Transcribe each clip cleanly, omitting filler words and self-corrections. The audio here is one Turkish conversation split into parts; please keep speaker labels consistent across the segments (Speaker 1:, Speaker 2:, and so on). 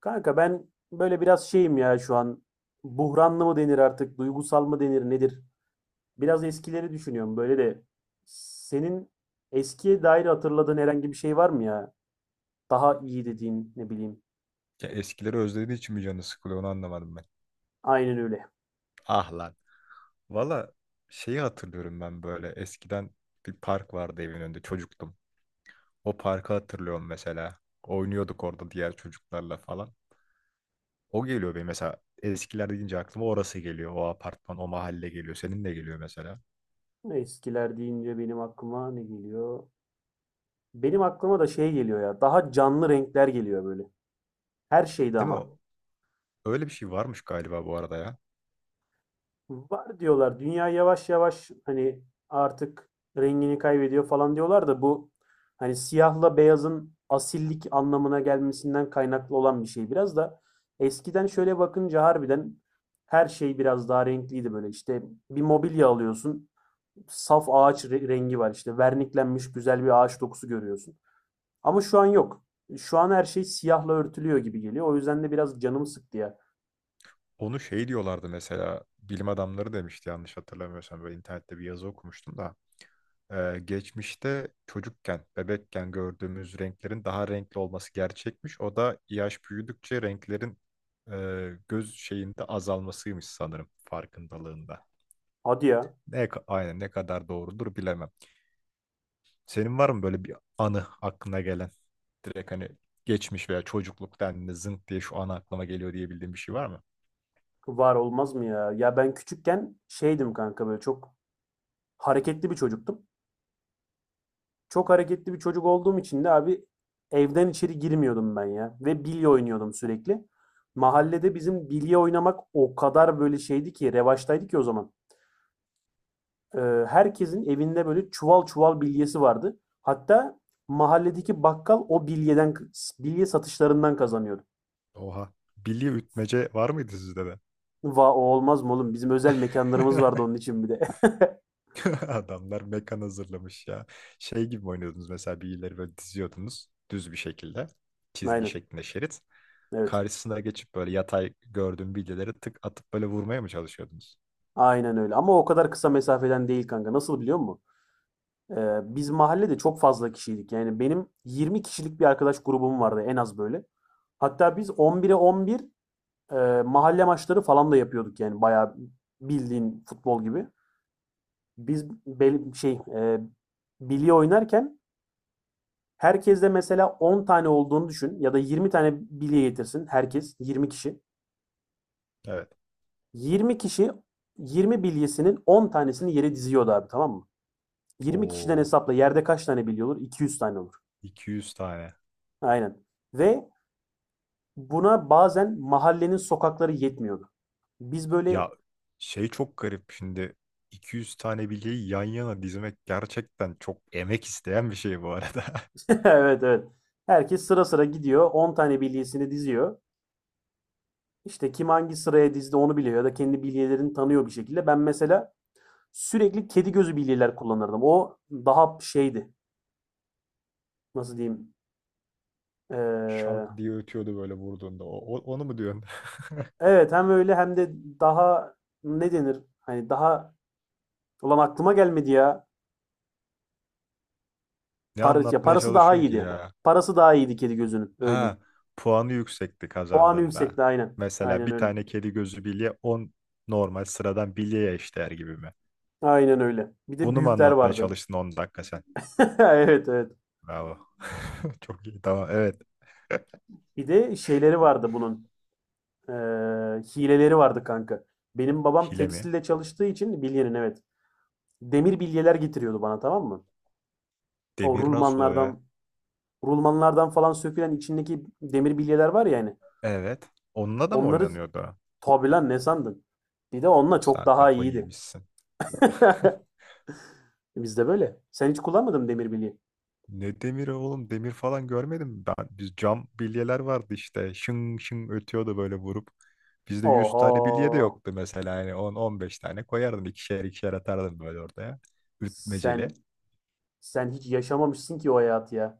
Speaker 1: Kanka ben böyle biraz şeyim ya şu an. Buhranlı mı denir artık, duygusal mı denir, nedir? Biraz eskileri düşünüyorum böyle de. Senin eskiye dair hatırladığın herhangi bir şey var mı ya? Daha iyi dediğin ne bileyim.
Speaker 2: Ya eskileri özlediği için mi canı sıkılıyor onu anlamadım ben.
Speaker 1: Aynen öyle.
Speaker 2: Ah lan. Valla şeyi hatırlıyorum ben böyle eskiden bir park vardı evin önünde çocuktum. O parkı hatırlıyorum mesela. Oynuyorduk orada diğer çocuklarla falan. O geliyor benim mesela eskiler deyince aklıma orası geliyor. O apartman, o mahalle geliyor. Senin de geliyor mesela.
Speaker 1: Eskiler deyince benim aklıma ne geliyor? Benim aklıma da şey geliyor ya. Daha canlı renkler geliyor böyle. Her şeyde
Speaker 2: Değil mi?
Speaker 1: ama.
Speaker 2: Öyle bir şey varmış galiba bu arada ya.
Speaker 1: Var diyorlar. Dünya yavaş yavaş hani artık rengini kaybediyor falan diyorlar da bu hani siyahla beyazın asillik anlamına gelmesinden kaynaklı olan bir şey biraz da eskiden şöyle bakınca harbiden her şey biraz daha renkliydi böyle işte bir mobilya alıyorsun, saf ağaç rengi var, işte verniklenmiş güzel bir ağaç dokusu görüyorsun ama şu an yok, şu an her şey siyahla örtülüyor gibi geliyor, o yüzden de biraz canım sıktı ya.
Speaker 2: Onu şey diyorlardı mesela bilim adamları demişti yanlış hatırlamıyorsam böyle internette bir yazı okumuştum da. Geçmişte çocukken, bebekken gördüğümüz renklerin daha renkli olması gerçekmiş. O da yaş büyüdükçe renklerin göz şeyinde azalmasıymış sanırım farkındalığında.
Speaker 1: Hadi ya.
Speaker 2: Ne, aynen ne kadar doğrudur bilemem. Senin var mı böyle bir anı aklına gelen? Direkt hani geçmiş veya çocukluk dendiğinde zınk diye şu an aklıma geliyor diyebildiğin bir şey var mı?
Speaker 1: Var olmaz mı ya? Ya ben küçükken şeydim kanka, böyle çok hareketli bir çocuktum. Çok hareketli bir çocuk olduğum için de abi evden içeri girmiyordum ben ya. Ve bilye oynuyordum sürekli. Mahallede bizim bilye oynamak o kadar böyle şeydi ki, revaçtaydı ki o zaman. Ee, herkesin evinde böyle çuval çuval bilyesi vardı. Hatta mahalledeki bakkal o bilyeden bilye satışlarından kazanıyordu.
Speaker 2: Oha. Bilye ütmece var mıydı sizde de?
Speaker 1: Va o olmaz mı oğlum? Bizim özel mekanlarımız vardı onun için bir de.
Speaker 2: Adamlar mekan hazırlamış ya. Şey gibi mi oynuyordunuz mesela bilyeleri böyle diziyordunuz düz bir şekilde. Çizgi
Speaker 1: Aynen.
Speaker 2: şeklinde şerit.
Speaker 1: Evet.
Speaker 2: Karşısına geçip böyle yatay gördüğüm bilyeleri tık atıp böyle vurmaya mı çalışıyordunuz?
Speaker 1: Aynen öyle ama o kadar kısa mesafeden değil kanka. Nasıl biliyor musun? Biz mahallede çok fazla kişiydik. Yani benim 20 kişilik bir arkadaş grubum vardı en az böyle. Hatta biz 11'e 11 mahalle maçları falan da yapıyorduk yani bayağı bildiğin futbol gibi. Biz bilye oynarken herkeste mesela 10 tane olduğunu düşün, ya da 20 tane bilye getirsin herkes, 20 kişi.
Speaker 2: Evet.
Speaker 1: 20 kişi 20 bilyesinin 10 tanesini yere diziyordu abi, tamam mı? 20 kişiden
Speaker 2: Oo,
Speaker 1: hesapla, yerde kaç tane bilye olur? 200 tane olur.
Speaker 2: 200 tane.
Speaker 1: Aynen. Ve buna bazen mahallenin sokakları yetmiyordu. Biz böyle
Speaker 2: Ya şey çok garip şimdi 200 tane bilyeyi yan yana dizmek gerçekten çok emek isteyen bir şey bu arada.
Speaker 1: evet, evet. Herkes sıra sıra gidiyor. 10 tane bilyesini diziyor. İşte kim hangi sıraya dizdi onu biliyor, ya da kendi bilyelerini tanıyor bir şekilde. Ben mesela sürekli kedi gözü bilyeler kullanırdım. O daha şeydi. Nasıl diyeyim?
Speaker 2: Şak
Speaker 1: Ee,
Speaker 2: diye ötüyordu böyle vurduğunda. Onu mu diyorsun?
Speaker 1: evet, hem öyle hem de daha, ne denir? Hani daha, ulan aklıma gelmedi ya.
Speaker 2: Ne
Speaker 1: Parası, ya
Speaker 2: anlatmaya
Speaker 1: parası daha
Speaker 2: çalışıyorsun ki
Speaker 1: iyiydi.
Speaker 2: ya?
Speaker 1: Parası daha iyiydi kedi gözünün. Öyle
Speaker 2: Ha,
Speaker 1: diyeyim.
Speaker 2: puanı yüksekti
Speaker 1: Puanı
Speaker 2: kazandığında.
Speaker 1: yüksekti, aynen.
Speaker 2: Mesela
Speaker 1: Aynen
Speaker 2: bir
Speaker 1: öyle.
Speaker 2: tane kedi gözü bilye 10 normal sıradan bilyeye eşdeğer gibi mi?
Speaker 1: Aynen öyle. Bir de
Speaker 2: Bunu mu
Speaker 1: büyükler
Speaker 2: anlatmaya
Speaker 1: vardı.
Speaker 2: çalıştın 10 dakika sen?
Speaker 1: Evet, evet.
Speaker 2: Bravo. Çok iyi. Tamam. Evet.
Speaker 1: Bir de şeyleri vardı bunun. Ee, hileleri vardı kanka. Benim babam
Speaker 2: Hile mi?
Speaker 1: tekstilde çalıştığı için bilyenin, evet. Demir bilyeler getiriyordu bana, tamam mı? O
Speaker 2: Demir nasıl oluyor ya?
Speaker 1: rulmanlardan falan sökülen içindeki demir bilyeler var ya hani.
Speaker 2: Evet. Onunla da mı
Speaker 1: Onları,
Speaker 2: oynanıyordu?
Speaker 1: tabi lan ne sandın? Bir de onunla çok
Speaker 2: Sen
Speaker 1: daha
Speaker 2: kafayı
Speaker 1: iyiydi.
Speaker 2: yemişsin.
Speaker 1: Bizde böyle. Sen hiç kullanmadın mı demir bilye?
Speaker 2: Ne demiri oğlum? Demir falan görmedim ben. Biz cam bilyeler vardı işte. Şın şın ötüyordu böyle vurup. Bizde 100 tane bilye de
Speaker 1: Oho.
Speaker 2: yoktu mesela. Yani on on beş tane koyardın. İkişer ikişer atardın böyle ortaya. Ütmeceli.
Speaker 1: Sen sen hiç yaşamamışsın ki o hayatı ya.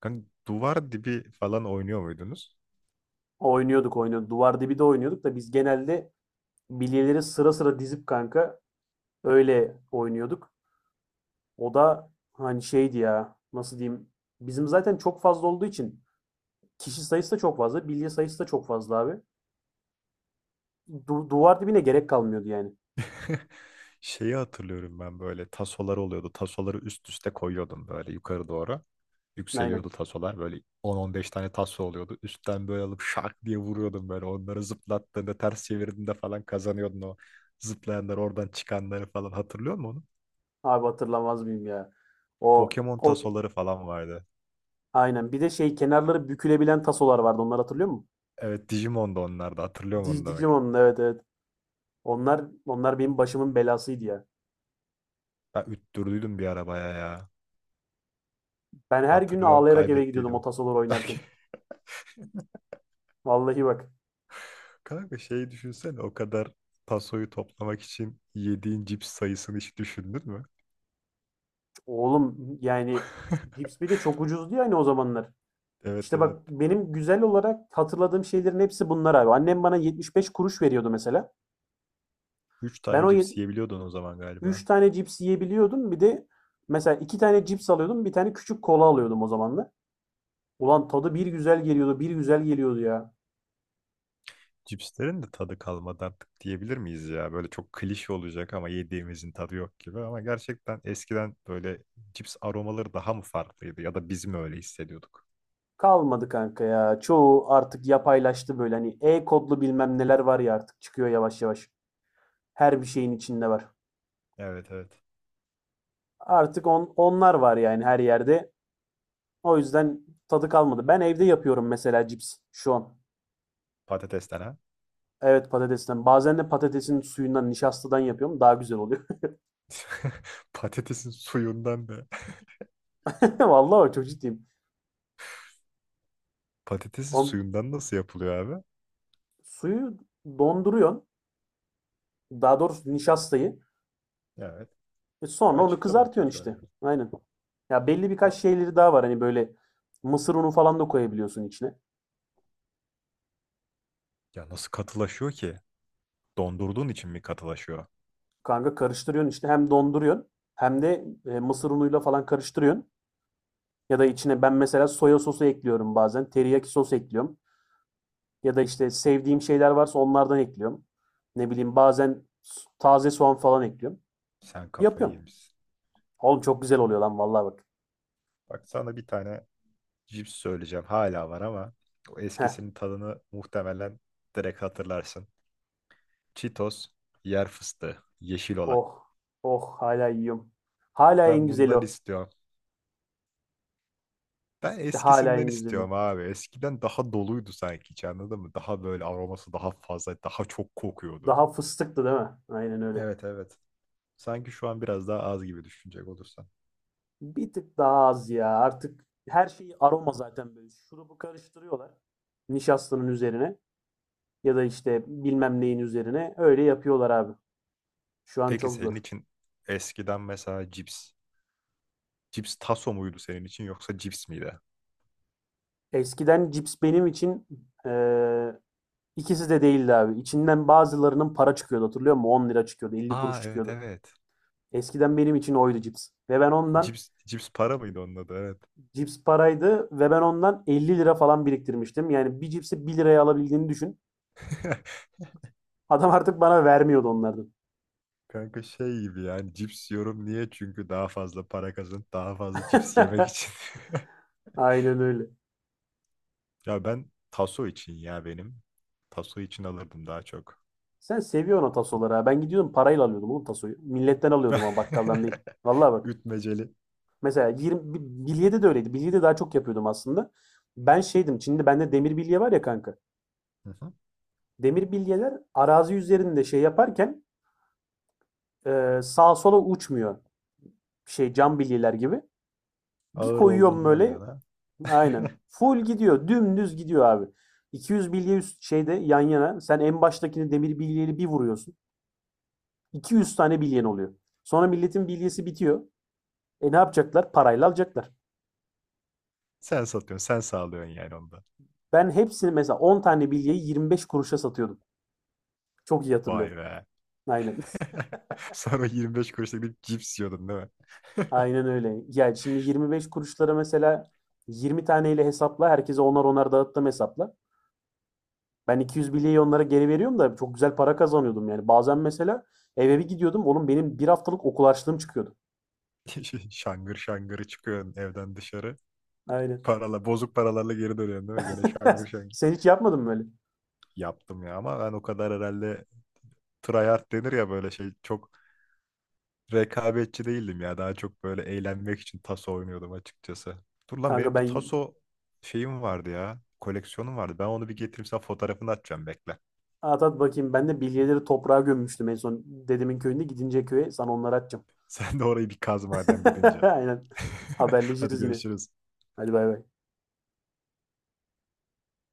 Speaker 2: Kanka, duvar dibi falan oynuyor muydunuz?
Speaker 1: Oynuyorduk, oynuyorduk. Duvar dibi de oynuyorduk da biz genelde bilyeleri sıra sıra dizip kanka öyle oynuyorduk. O da hani şeydi ya, nasıl diyeyim. Bizim zaten çok fazla olduğu için kişi sayısı da çok fazla. Bilye sayısı da çok fazla abi. Duvar dibine gerek kalmıyordu yani.
Speaker 2: Şeyi hatırlıyorum ben böyle tasolar oluyordu. Tasoları üst üste koyuyordum böyle yukarı doğru.
Speaker 1: Aynen.
Speaker 2: Yükseliyordu tasolar böyle 10-15 tane taso oluyordu. Üstten böyle alıp şak diye vuruyordum böyle. Onları zıplattığında ters çevirdiğinde falan kazanıyordun o zıplayanlar oradan çıkanları falan. Hatırlıyor musun onu?
Speaker 1: Abi hatırlamaz mıyım ya. O
Speaker 2: Pokemon
Speaker 1: o
Speaker 2: tasoları falan vardı.
Speaker 1: aynen. Bir de şey, kenarları bükülebilen tasolar vardı. Onları hatırlıyor musun?
Speaker 2: Evet Digimon'da onlar da hatırlıyorum
Speaker 1: Dig-
Speaker 2: onu da bak.
Speaker 1: Digimon'un evet, evet. Onlar benim başımın belasıydı ya.
Speaker 2: Ben üttürdüydüm bir arabaya ya.
Speaker 1: Ben her gün
Speaker 2: Hatırlıyorum
Speaker 1: ağlayarak eve gidiyordum o
Speaker 2: kaybettiydim.
Speaker 1: tasolar oynarken. Vallahi bak
Speaker 2: Kanka şeyi düşünsene o kadar tasoyu toplamak için yediğin cips sayısını hiç düşündün mü?
Speaker 1: oğlum, yani Cips bir de çok ucuzdu yani o zamanlar.
Speaker 2: Evet
Speaker 1: İşte
Speaker 2: evet.
Speaker 1: bak, benim güzel olarak hatırladığım şeylerin hepsi bunlar abi. Annem bana 75 kuruş veriyordu mesela.
Speaker 2: Üç
Speaker 1: Ben
Speaker 2: tane
Speaker 1: o
Speaker 2: cips yiyebiliyordun o zaman galiba.
Speaker 1: 3 tane cips yiyebiliyordum. Bir de mesela 2 tane cips alıyordum. Bir tane küçük kola alıyordum o zamanlar. Ulan tadı bir güzel geliyordu, bir güzel geliyordu ya.
Speaker 2: Cipslerin de tadı kalmadı artık diyebilir miyiz ya? Böyle çok klişe olacak ama yediğimizin tadı yok gibi. Ama gerçekten eskiden böyle cips aromaları daha mı farklıydı ya da biz mi öyle hissediyorduk?
Speaker 1: Kalmadı kanka ya. Çoğu artık yapaylaştı, böyle hani e-kodlu bilmem neler var ya artık çıkıyor yavaş yavaş. Her bir şeyin içinde var.
Speaker 2: Evet evet.
Speaker 1: Artık onlar var yani her yerde. O yüzden tadı kalmadı. Ben evde yapıyorum mesela cips şu an.
Speaker 2: Patatesten ha?
Speaker 1: Evet, patatesten. Bazen de patatesin suyundan, nişastadan yapıyorum. Daha güzel oluyor.
Speaker 2: Patatesin suyundan da.
Speaker 1: Vallahi bak, çok ciddiyim.
Speaker 2: Patatesin
Speaker 1: O
Speaker 2: suyundan nasıl yapılıyor abi?
Speaker 1: suyu donduruyorsun. Daha doğrusu nişastayı.
Speaker 2: Evet.
Speaker 1: E
Speaker 2: Bir
Speaker 1: sonra onu
Speaker 2: açıkla bakayım
Speaker 1: kızartıyorsun
Speaker 2: şöyle
Speaker 1: işte.
Speaker 2: bir.
Speaker 1: Aynen. Ya belli birkaç
Speaker 2: Ta-
Speaker 1: şeyleri daha var. Hani böyle mısır unu falan da koyabiliyorsun içine.
Speaker 2: Ya nasıl katılaşıyor ki? Dondurduğun için mi katılaşıyor?
Speaker 1: Kanka karıştırıyorsun işte, hem donduruyorsun hem de mısır unuyla falan karıştırıyorsun. Ya da içine ben mesela soya sosu ekliyorum bazen. Teriyaki sos ekliyorum. Ya da işte sevdiğim şeyler varsa onlardan ekliyorum. Ne bileyim, bazen taze soğan falan ekliyorum.
Speaker 2: Sen kafayı
Speaker 1: Yapıyorum.
Speaker 2: yemişsin.
Speaker 1: Oğlum çok güzel oluyor lan, vallahi bak.
Speaker 2: Bak sana bir tane cips söyleyeceğim. Hala var ama o
Speaker 1: Heh.
Speaker 2: eskisinin tadını muhtemelen direkt hatırlarsın. Cheetos, yer fıstığı, yeşil olan.
Speaker 1: Oh. Oh, hala yiyorum. Hala en
Speaker 2: Ben
Speaker 1: güzeli
Speaker 2: bundan
Speaker 1: o.
Speaker 2: istiyorum. Ben
Speaker 1: Hala
Speaker 2: eskisinden
Speaker 1: en güzeli
Speaker 2: istiyorum
Speaker 1: o.
Speaker 2: abi. Eskiden daha doluydu sanki hiç anladın mı? Daha böyle aroması daha fazla, daha çok kokuyordu.
Speaker 1: Daha fıstıktı değil mi? Aynen öyle.
Speaker 2: Evet evet. Sanki şu an biraz daha az gibi düşünecek olursan.
Speaker 1: Bir tık daha az ya. Artık her şeyi aroma zaten böyle. Şurubu karıştırıyorlar. Nişastanın üzerine ya da işte bilmem neyin üzerine. Öyle yapıyorlar abi. Şu an
Speaker 2: Peki
Speaker 1: çok zor.
Speaker 2: senin için eskiden mesela Cips taso muydu senin için yoksa cips miydi?
Speaker 1: Eskiden cips benim için eee, ikisi de değildi abi. İçinden bazılarının para çıkıyordu, hatırlıyor musun? 10 lira çıkıyordu, 50 kuruş
Speaker 2: Aa evet
Speaker 1: çıkıyordu.
Speaker 2: evet.
Speaker 1: Eskiden benim için oydu cips. Ve ben ondan
Speaker 2: Cips, cips para mıydı onun adı evet.
Speaker 1: cips paraydı ve ben ondan 50 lira falan biriktirmiştim. Yani bir cipsi bir liraya alabildiğini düşün. Adam artık bana vermiyordu onlardan.
Speaker 2: Kanka şey gibi yani cips yiyorum niye? Çünkü daha fazla para kazan, daha fazla cips yemek için.
Speaker 1: Aynen öyle.
Speaker 2: Ya ben taso için ya benim. Taso için alırdım daha çok.
Speaker 1: Sen seviyorsun o tasoları ha. Ben gidiyordum parayla alıyordum oğlum tasoyu. Milletten alıyordum ama bakkaldan değil. Vallahi bak.
Speaker 2: Ütmeceli.
Speaker 1: Mesela 20, bilyede de öyleydi. Bilyede daha çok yapıyordum aslında. Ben şeydim. Şimdi bende demir bilye var ya kanka.
Speaker 2: Hı hı.
Speaker 1: Demir bilyeler arazi üzerinde şey yaparken sağa sola uçmuyor. Şey, cam bilyeler gibi. Bir
Speaker 2: Ağır
Speaker 1: koyuyorum
Speaker 2: olduğundan diyor
Speaker 1: böyle.
Speaker 2: ha.
Speaker 1: Aynen. Full gidiyor. Dümdüz gidiyor abi. 200 bilye üst şeyde yan yana. Sen en baştakini demir bilyeli bir vuruyorsun. 200 tane bilyen oluyor. Sonra milletin bilyesi bitiyor. E ne yapacaklar? Parayla alacaklar.
Speaker 2: Sen satıyorsun, sen sağlıyorsun yani onu.
Speaker 1: Ben hepsini mesela 10 tane bilyeyi 25 kuruşa satıyordum. Çok iyi
Speaker 2: Vay
Speaker 1: hatırlıyorum.
Speaker 2: be.
Speaker 1: Aynen.
Speaker 2: Sonra 25 kuruşluk bir cips yiyordun değil mi?
Speaker 1: Aynen öyle. Ya şimdi 25 kuruşlara mesela 20 taneyle hesapla. Herkese onar onar dağıttım hesapla. Ben 200 bilyeyi onlara geri veriyorum da çok güzel para kazanıyordum yani. Bazen mesela eve bir gidiyordum. Oğlum benim bir haftalık okul harçlığım çıkıyordu.
Speaker 2: Şangır şangırı çıkıyorsun evden dışarı.
Speaker 1: Aynen.
Speaker 2: Parala, bozuk paralarla geri dönüyorsun değil mi? Gene şangır şangır.
Speaker 1: Sen hiç yapmadın mı böyle?
Speaker 2: Yaptım ya ama ben o kadar herhalde tryhard denir ya böyle şey. Çok rekabetçi değildim ya. Daha çok böyle eğlenmek için taso oynuyordum açıkçası. Dur lan
Speaker 1: Kanka
Speaker 2: benim bir
Speaker 1: ben
Speaker 2: taso şeyim vardı ya. Koleksiyonum vardı. Ben onu bir getireyim sana fotoğrafını atacağım bekle.
Speaker 1: At at bakayım. Ben de bilyeleri toprağa gömmüştüm en son. Dedemin köyünde gidince köye sana onları atacağım.
Speaker 2: Sen de orayı bir kaz madem gidince.
Speaker 1: Aynen.
Speaker 2: Hadi
Speaker 1: Haberleşiriz yine.
Speaker 2: görüşürüz.
Speaker 1: Hadi bay bay.